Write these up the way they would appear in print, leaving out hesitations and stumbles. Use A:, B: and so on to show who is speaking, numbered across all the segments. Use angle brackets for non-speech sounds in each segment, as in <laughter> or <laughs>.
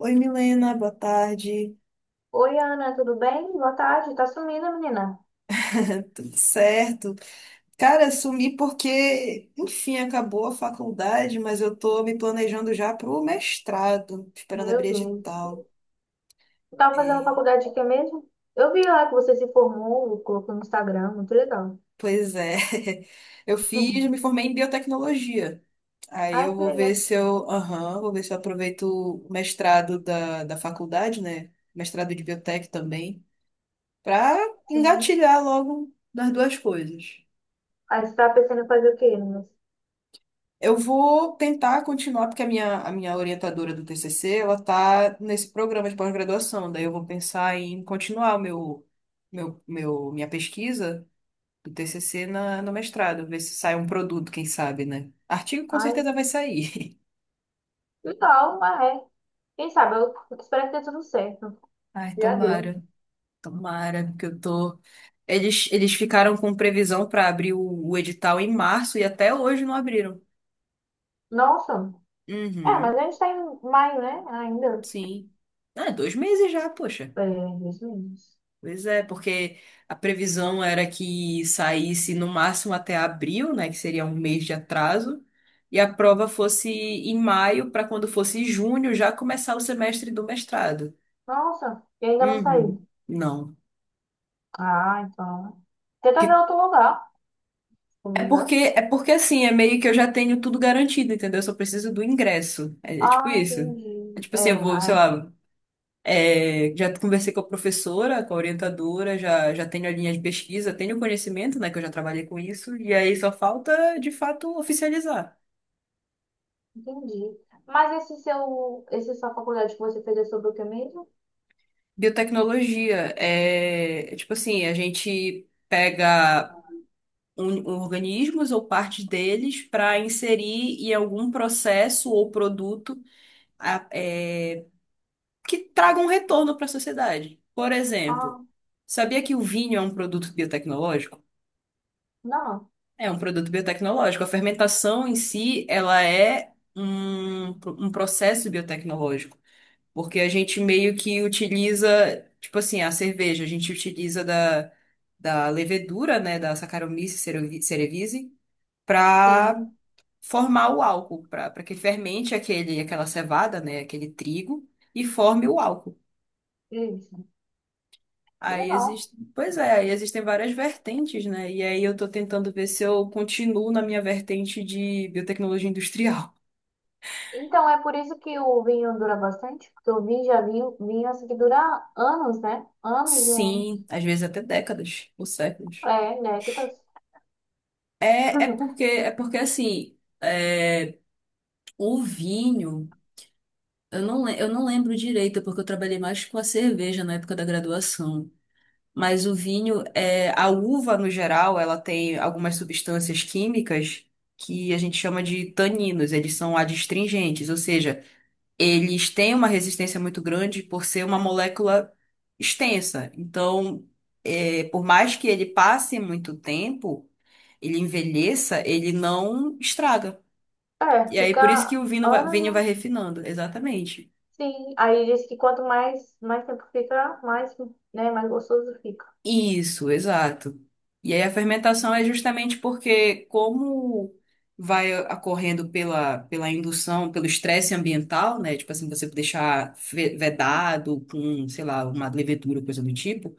A: Oi, Milena, boa tarde.
B: Oi, Ana, tudo bem? Boa tarde. Tá sumida, menina?
A: <laughs> Tudo certo? Cara, sumi porque, enfim, acabou a faculdade, mas eu tô me planejando já pro mestrado, esperando
B: Meu
A: abrir
B: Deus.
A: edital.
B: Tu tava fazendo
A: É,
B: faculdade de quê mesmo? Eu vi lá que você se formou, colocou no Instagram, muito legal. <laughs>
A: pois é. <laughs> Eu fiz,
B: Uhum.
A: me formei em biotecnologia. Aí
B: Ai,
A: eu
B: que
A: vou ver
B: legal.
A: se eu, aham, vou ver se eu aproveito o mestrado da faculdade, né? Mestrado de biotec também, para
B: Sim.
A: engatilhar logo nas duas coisas.
B: Aí você tá pensando em fazer o quê, meninas?
A: Eu vou tentar continuar, porque a minha orientadora do TCC, ela tá nesse programa de pós-graduação, daí eu vou pensar em continuar o minha pesquisa do TCC no mestrado, ver se sai um produto, quem sabe, né? Artigo com
B: Ai,
A: certeza vai sair.
B: legal, mas é. Quem sabe, eu espero que dê tudo certo.
A: <laughs> Ai,
B: Já deu.
A: tomara, tomara, porque eu tô. Eles ficaram com previsão para abrir o edital em março e até hoje não abriram.
B: Nossa. É, mas
A: Uhum,
B: a gente tá em maio, né? Ainda.
A: sim. Ah, 2 meses já, poxa.
B: É, dois meses.
A: Pois é, porque a previsão era que saísse no máximo até abril, né, que seria um mês de atraso, e a prova fosse em maio, para quando fosse junho já começar o semestre do mestrado.
B: Nossa, e ainda não saiu.
A: Uhum. Não.
B: Ah, então. Tenta ver
A: Que-
B: outro lugar.
A: É
B: Não
A: porque,
B: dá.
A: é porque assim, é meio que eu já tenho tudo garantido, entendeu? Eu só preciso do ingresso. É tipo
B: Ah,
A: isso. É
B: entendi.
A: tipo
B: É,
A: assim, eu vou, sei
B: ah,
A: lá. É, já conversei com a professora, com a orientadora, já tenho a linha de pesquisa, tenho conhecimento, né, que eu já trabalhei com isso, e aí só falta, de fato, oficializar.
B: entendi. Mas esse seu, esse sua faculdade que você fez é sobre o que mesmo?
A: Biotecnologia é tipo assim, a gente pega organismos ou partes deles para inserir em algum processo ou produto a- é, que traga um retorno para a sociedade. Por exemplo,
B: Ah,
A: sabia que o vinho é um produto biotecnológico?
B: não.
A: É um produto biotecnológico. A fermentação em si, ela é um processo biotecnológico, porque a gente meio que utiliza, tipo assim, a cerveja, a gente utiliza da levedura, né, da Saccharomyces cerevisiae, para
B: Sim,
A: formar o álcool, para que fermente aquela cevada, né, aquele trigo, e forme o álcool.
B: isso. Que
A: Aí
B: legal.
A: existe, pois é, aí existem várias vertentes, né? E aí eu tô tentando ver se eu continuo na minha vertente de biotecnologia industrial.
B: Então, é por isso que o vinho dura bastante, porque o vinho já é vinho, vinho assim que dura anos, né? Anos e anos.
A: Sim, às vezes até décadas ou séculos.
B: É, néctares.
A: É, é porque
B: <laughs>
A: é porque assim, é, o vinho, eu não lembro direito, porque eu trabalhei mais com a cerveja na época da graduação. Mas o vinho, a uva no geral, ela tem algumas substâncias químicas que a gente chama de taninos, eles são adstringentes, ou seja, eles têm uma resistência muito grande por ser uma molécula extensa. Então, por mais que ele passe muito tempo, ele envelheça, ele não estraga.
B: É,
A: E aí, por isso que
B: fica
A: o vinho vai,
B: anos,
A: vinho vai
B: né?
A: refinando, exatamente.
B: Sim. Aí diz que quanto mais, mais tempo fica, mais, né, mais gostoso fica.
A: Isso, exato. E aí a fermentação é justamente porque como vai ocorrendo pela indução, pelo estresse ambiental, né? Tipo assim, você deixar vedado com, sei lá, uma levedura, coisa do tipo,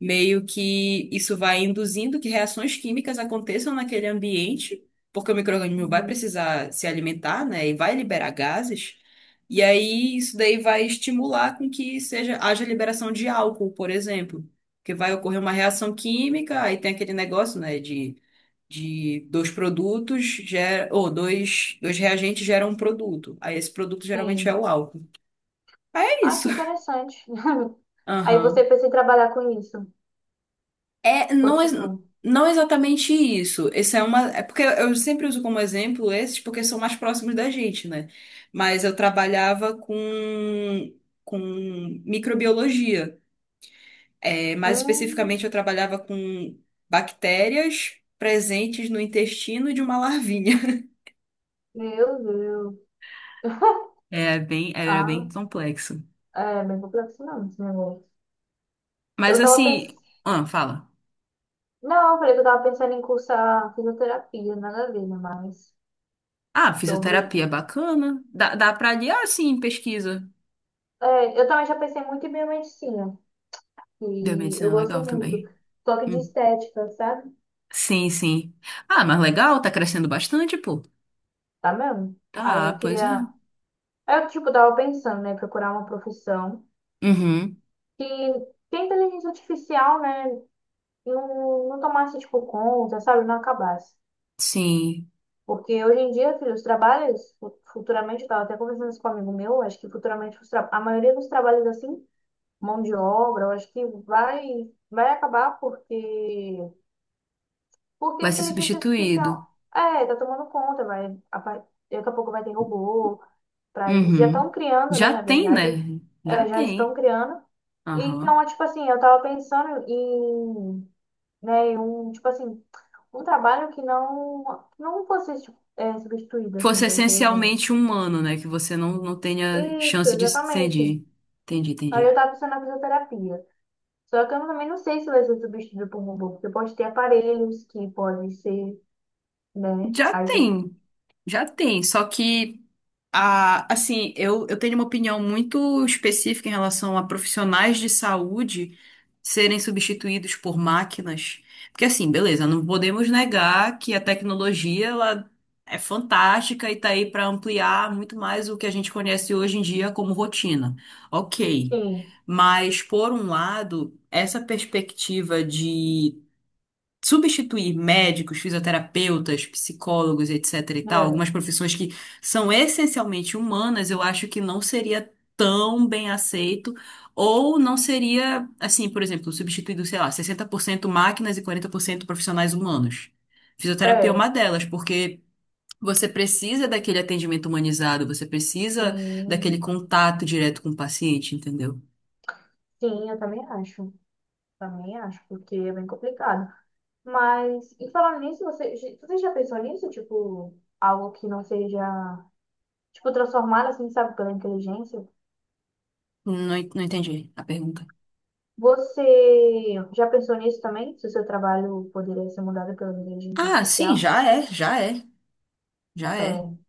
A: meio que isso vai induzindo que reações químicas aconteçam naquele ambiente, porque o micro-organismo vai
B: Uhum.
A: precisar se alimentar, né? E vai liberar gases. E aí isso daí vai estimular com que seja haja liberação de álcool, por exemplo. Porque vai ocorrer uma reação química, aí tem aquele negócio, né, de dois produtos, gera, ou dois reagentes geram um produto. Aí esse produto geralmente é
B: Sim.
A: o álcool. Aí é
B: Ah,
A: isso.
B: que interessante. <laughs> Aí você
A: Aham.
B: pensa em trabalhar com isso.
A: É,
B: Ou
A: não,
B: tipo,
A: não é exatamente isso. Esse é porque eu sempre uso como exemplo esses porque são mais próximos da gente, né? Mas eu trabalhava com microbiologia. É, mais
B: hum,
A: especificamente, eu trabalhava com bactérias presentes no intestino de uma larvinha. <laughs>
B: meu Deus.
A: Era bem
B: Ah,
A: complexo.
B: é bem complexo não, esse negócio. Eu
A: Mas
B: tava
A: assim,
B: pensando.
A: ah, fala.
B: Não, eu falei que eu tava pensando em cursar fisioterapia, nada a ver, né, mas
A: Ah,
B: sobre.
A: fisioterapia bacana. Dá pra aliar, sim, pesquisa.
B: É, eu também já pensei muito em biomedicina, que
A: Biomedicina
B: eu
A: é
B: gosto
A: legal
B: muito.
A: também.
B: Toque de
A: Hum.
B: estética, sabe?
A: Sim, sim. Ah, mas legal, tá crescendo bastante, pô.
B: Tá mesmo? Aí
A: Tá,
B: eu
A: pois é.
B: queria. Aí eu, tipo, tava pensando, né, procurar uma profissão
A: Uhum.
B: que tem inteligência artificial, né? Não tomasse, tipo, conta, sabe? Não acabasse.
A: Sim.
B: Porque hoje em dia, filho, os trabalhos, futuramente, eu tava até conversando isso com um amigo meu, acho que futuramente a maioria dos trabalhos, assim, mão de obra, eu acho que vai acabar porque a
A: Vai ser
B: inteligência
A: substituído.
B: artificial, é, tá tomando conta, vai, daqui a pouco vai ter robô pra isso. Já
A: Uhum.
B: estão criando, né,
A: Já
B: na
A: tem,
B: verdade,
A: né? Já
B: já estão
A: tem.
B: criando.
A: Aham.
B: Então, é tipo assim, eu tava pensando em né? E um, tipo assim, um trabalho que não fosse tipo, substituído, assim,
A: Fosse
B: pelo inteligente.
A: essencialmente humano, né? Que você não tenha
B: Isso,
A: chance de.
B: exatamente.
A: Entendi. Entendi,
B: Aí eu
A: entendi.
B: tava pensando na fisioterapia. Só que eu também não sei se vai ser substituído por robô, porque pode ter aparelhos que podem ser, né?
A: Já
B: Aí tem que.
A: tem, já tem. Só que. Ah, assim, eu tenho uma opinião muito específica em relação a profissionais de saúde serem substituídos por máquinas. Porque, assim, beleza, não podemos negar que a tecnologia ela é fantástica e está aí para ampliar muito mais o que a gente conhece hoje em dia como rotina. Ok.
B: Sim,
A: Mas, por um lado, essa perspectiva de substituir médicos, fisioterapeutas, psicólogos, etc. e tal,
B: né?
A: algumas profissões que são essencialmente humanas, eu acho que não seria tão bem aceito, ou não seria, assim, por exemplo, substituído, sei lá, 60% máquinas e 40% profissionais humanos. Fisioterapia é
B: É,
A: uma delas, porque você precisa daquele atendimento humanizado, você precisa daquele
B: sim,
A: contato direto com o paciente, entendeu?
B: sim, eu também acho. Também acho, porque é bem complicado. Mas, e falando nisso, você já pensou nisso? Tipo, algo que não seja. Tipo, transformar assim, sabe, pela inteligência.
A: Não, não entendi a pergunta.
B: Você já pensou nisso também? Se o seu trabalho poderia ser mudado pela inteligência
A: Ah, sim,
B: artificial?
A: já é.
B: É.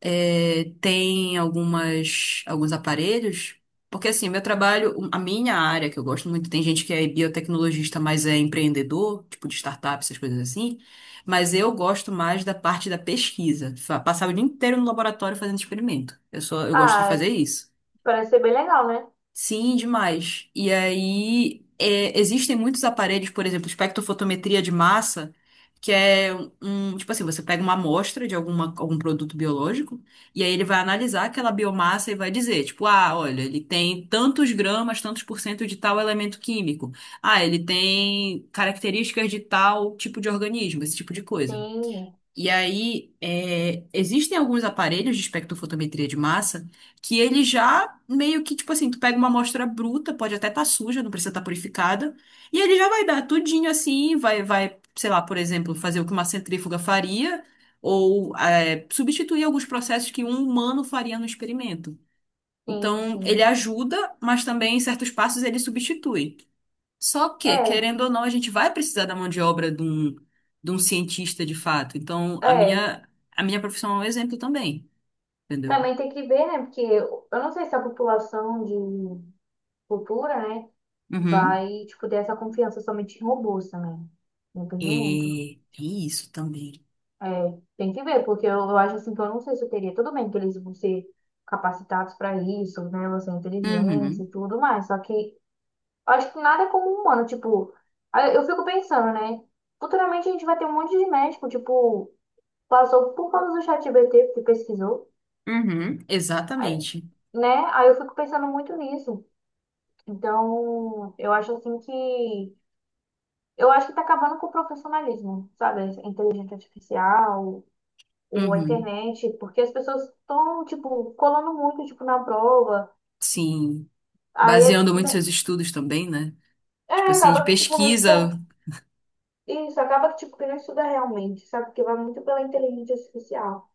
A: É, tem alguns aparelhos, porque assim, meu trabalho, um, a minha área que eu gosto muito, tem gente que é biotecnologista, mas é empreendedor, tipo de startup, essas coisas assim, mas eu gosto mais da parte da pesquisa, passar o dia inteiro no laboratório fazendo experimento. Eu gosto de
B: Ah,
A: fazer isso.
B: parece ser bem legal, né?
A: Sim, demais. E aí, existem muitos aparelhos, por exemplo, espectrofotometria de massa, que é um, tipo assim, você pega uma amostra de algum produto biológico, e aí ele vai analisar aquela biomassa e vai dizer, tipo, ah, olha, ele tem tantos gramas, tantos por cento de tal elemento químico. Ah, ele tem características de tal tipo de organismo, esse tipo de coisa.
B: Sim,
A: E aí, existem alguns aparelhos de espectrofotometria de massa que ele já meio que, tipo assim, tu pega uma amostra bruta, pode até estar suja, não precisa estar purificada, e ele já vai dar tudinho assim, vai, sei lá, por exemplo, fazer o que uma centrífuga faria, ou substituir alguns processos que um humano faria no experimento.
B: sim,
A: Então, ele
B: sim.
A: ajuda, mas também em certos passos ele substitui. Só que,
B: É,
A: querendo ou não, a gente vai precisar da mão de obra de um cientista de fato. Então, a
B: é.
A: minha, a minha profissão é um exemplo também, entendeu?
B: Também tem que ver, né? Porque eu não sei se a população de futura, né,
A: Uhum.
B: vai, tipo, ter essa confiança somente em robôs também.
A: É,
B: Depende muito.
A: tem isso também.
B: É, tem que ver, porque eu acho assim que eu não sei se eu teria. Tudo bem que eles vão ser capacitados para isso, né? Vão ser inteligentes e
A: Uhum.
B: tudo mais. Só que eu acho que nada é como um humano. Tipo, aí eu fico pensando, né? Futuramente a gente vai ter um monte de médico, tipo, passou por causa do chat ChatGPT, porque pesquisou,
A: Uhum.
B: aí-
A: Exatamente.
B: né? Aí eu fico pensando muito nisso. Então, eu acho assim que. Eu acho que tá acabando com o profissionalismo, sabe? Inteligência artificial. A
A: Uhum.
B: internet, porque as pessoas estão, tipo, colando muito, tipo, na prova.
A: Sim.
B: Aí,
A: Baseando muito
B: né,
A: seus estudos também, né?
B: é,
A: Tipo assim, de
B: acaba que, tipo, não estuda.
A: pesquisa.
B: Isso, acaba que, tipo, que não estuda realmente, sabe? Porque vai muito pela inteligência artificial.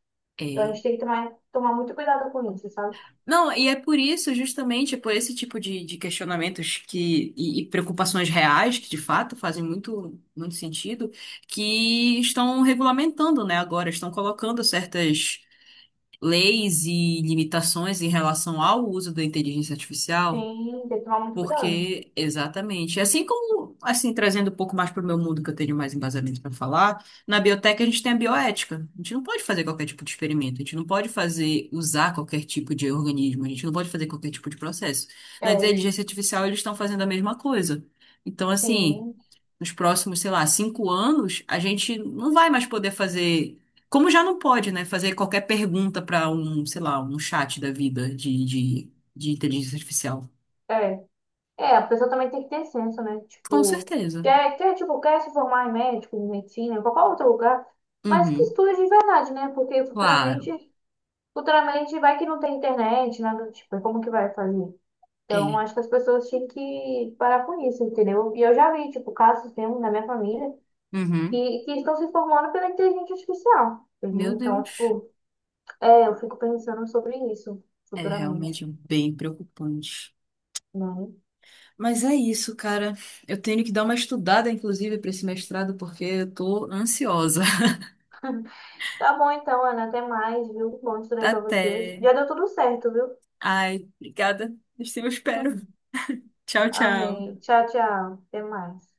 B: Então, a
A: É.
B: gente tem que tomar muito cuidado com isso, sabe?
A: Não, e é por isso, justamente, é por esse tipo de questionamentos que, e preocupações reais, que de fato fazem muito, muito sentido, que estão regulamentando, né, agora, estão colocando certas leis e limitações em relação ao uso da inteligência artificial.
B: Sim, tem que tomar muito cuidado.
A: Porque, exatamente. Assim como, assim, trazendo um pouco mais para o meu mundo, que eu tenho mais embasamento para falar, na biotech a gente tem a bioética. A gente não pode fazer qualquer tipo de experimento, a gente não pode usar qualquer tipo de organismo, a gente não pode fazer qualquer tipo de processo.
B: É,
A: Na inteligência artificial, eles estão fazendo a mesma coisa. Então, assim,
B: sim.
A: nos próximos, sei lá, 5 anos, a gente não vai mais poder fazer. Como já não pode, né? Fazer qualquer pergunta para um, sei lá, um chat da vida de inteligência artificial.
B: É. É, a pessoa também tem que ter senso, né?
A: Com
B: Tipo,
A: certeza.
B: tipo, quer se formar em médico, em medicina, em qualquer outro lugar, mas que
A: Uhum,
B: estude de verdade, né? Porque futuramente
A: claro,
B: Futuramente vai que não tem internet, nada do tipo, e como que vai fazer? Então,
A: é.
B: acho que as pessoas tinham que parar com isso, entendeu? E eu já vi, tipo, casos mesmo na minha família
A: Uhum.
B: que estão se formando pela inteligência artificial,
A: Meu
B: entendeu? Então,
A: Deus,
B: tipo, eu fico pensando sobre isso
A: é
B: futuramente,
A: realmente bem preocupante.
B: né?
A: Mas é isso, cara. Eu tenho que dar uma estudada, inclusive, para esse mestrado, porque eu tô ansiosa. <laughs>
B: <laughs> Tá bom então, Ana, até mais, viu? Bom estudar pra vocês.
A: Até.
B: Já deu tudo certo, viu?
A: Ai, obrigada. Assim eu espero.
B: <laughs>
A: Tchau, tchau.
B: Amém. Tchau, tchau. Até mais.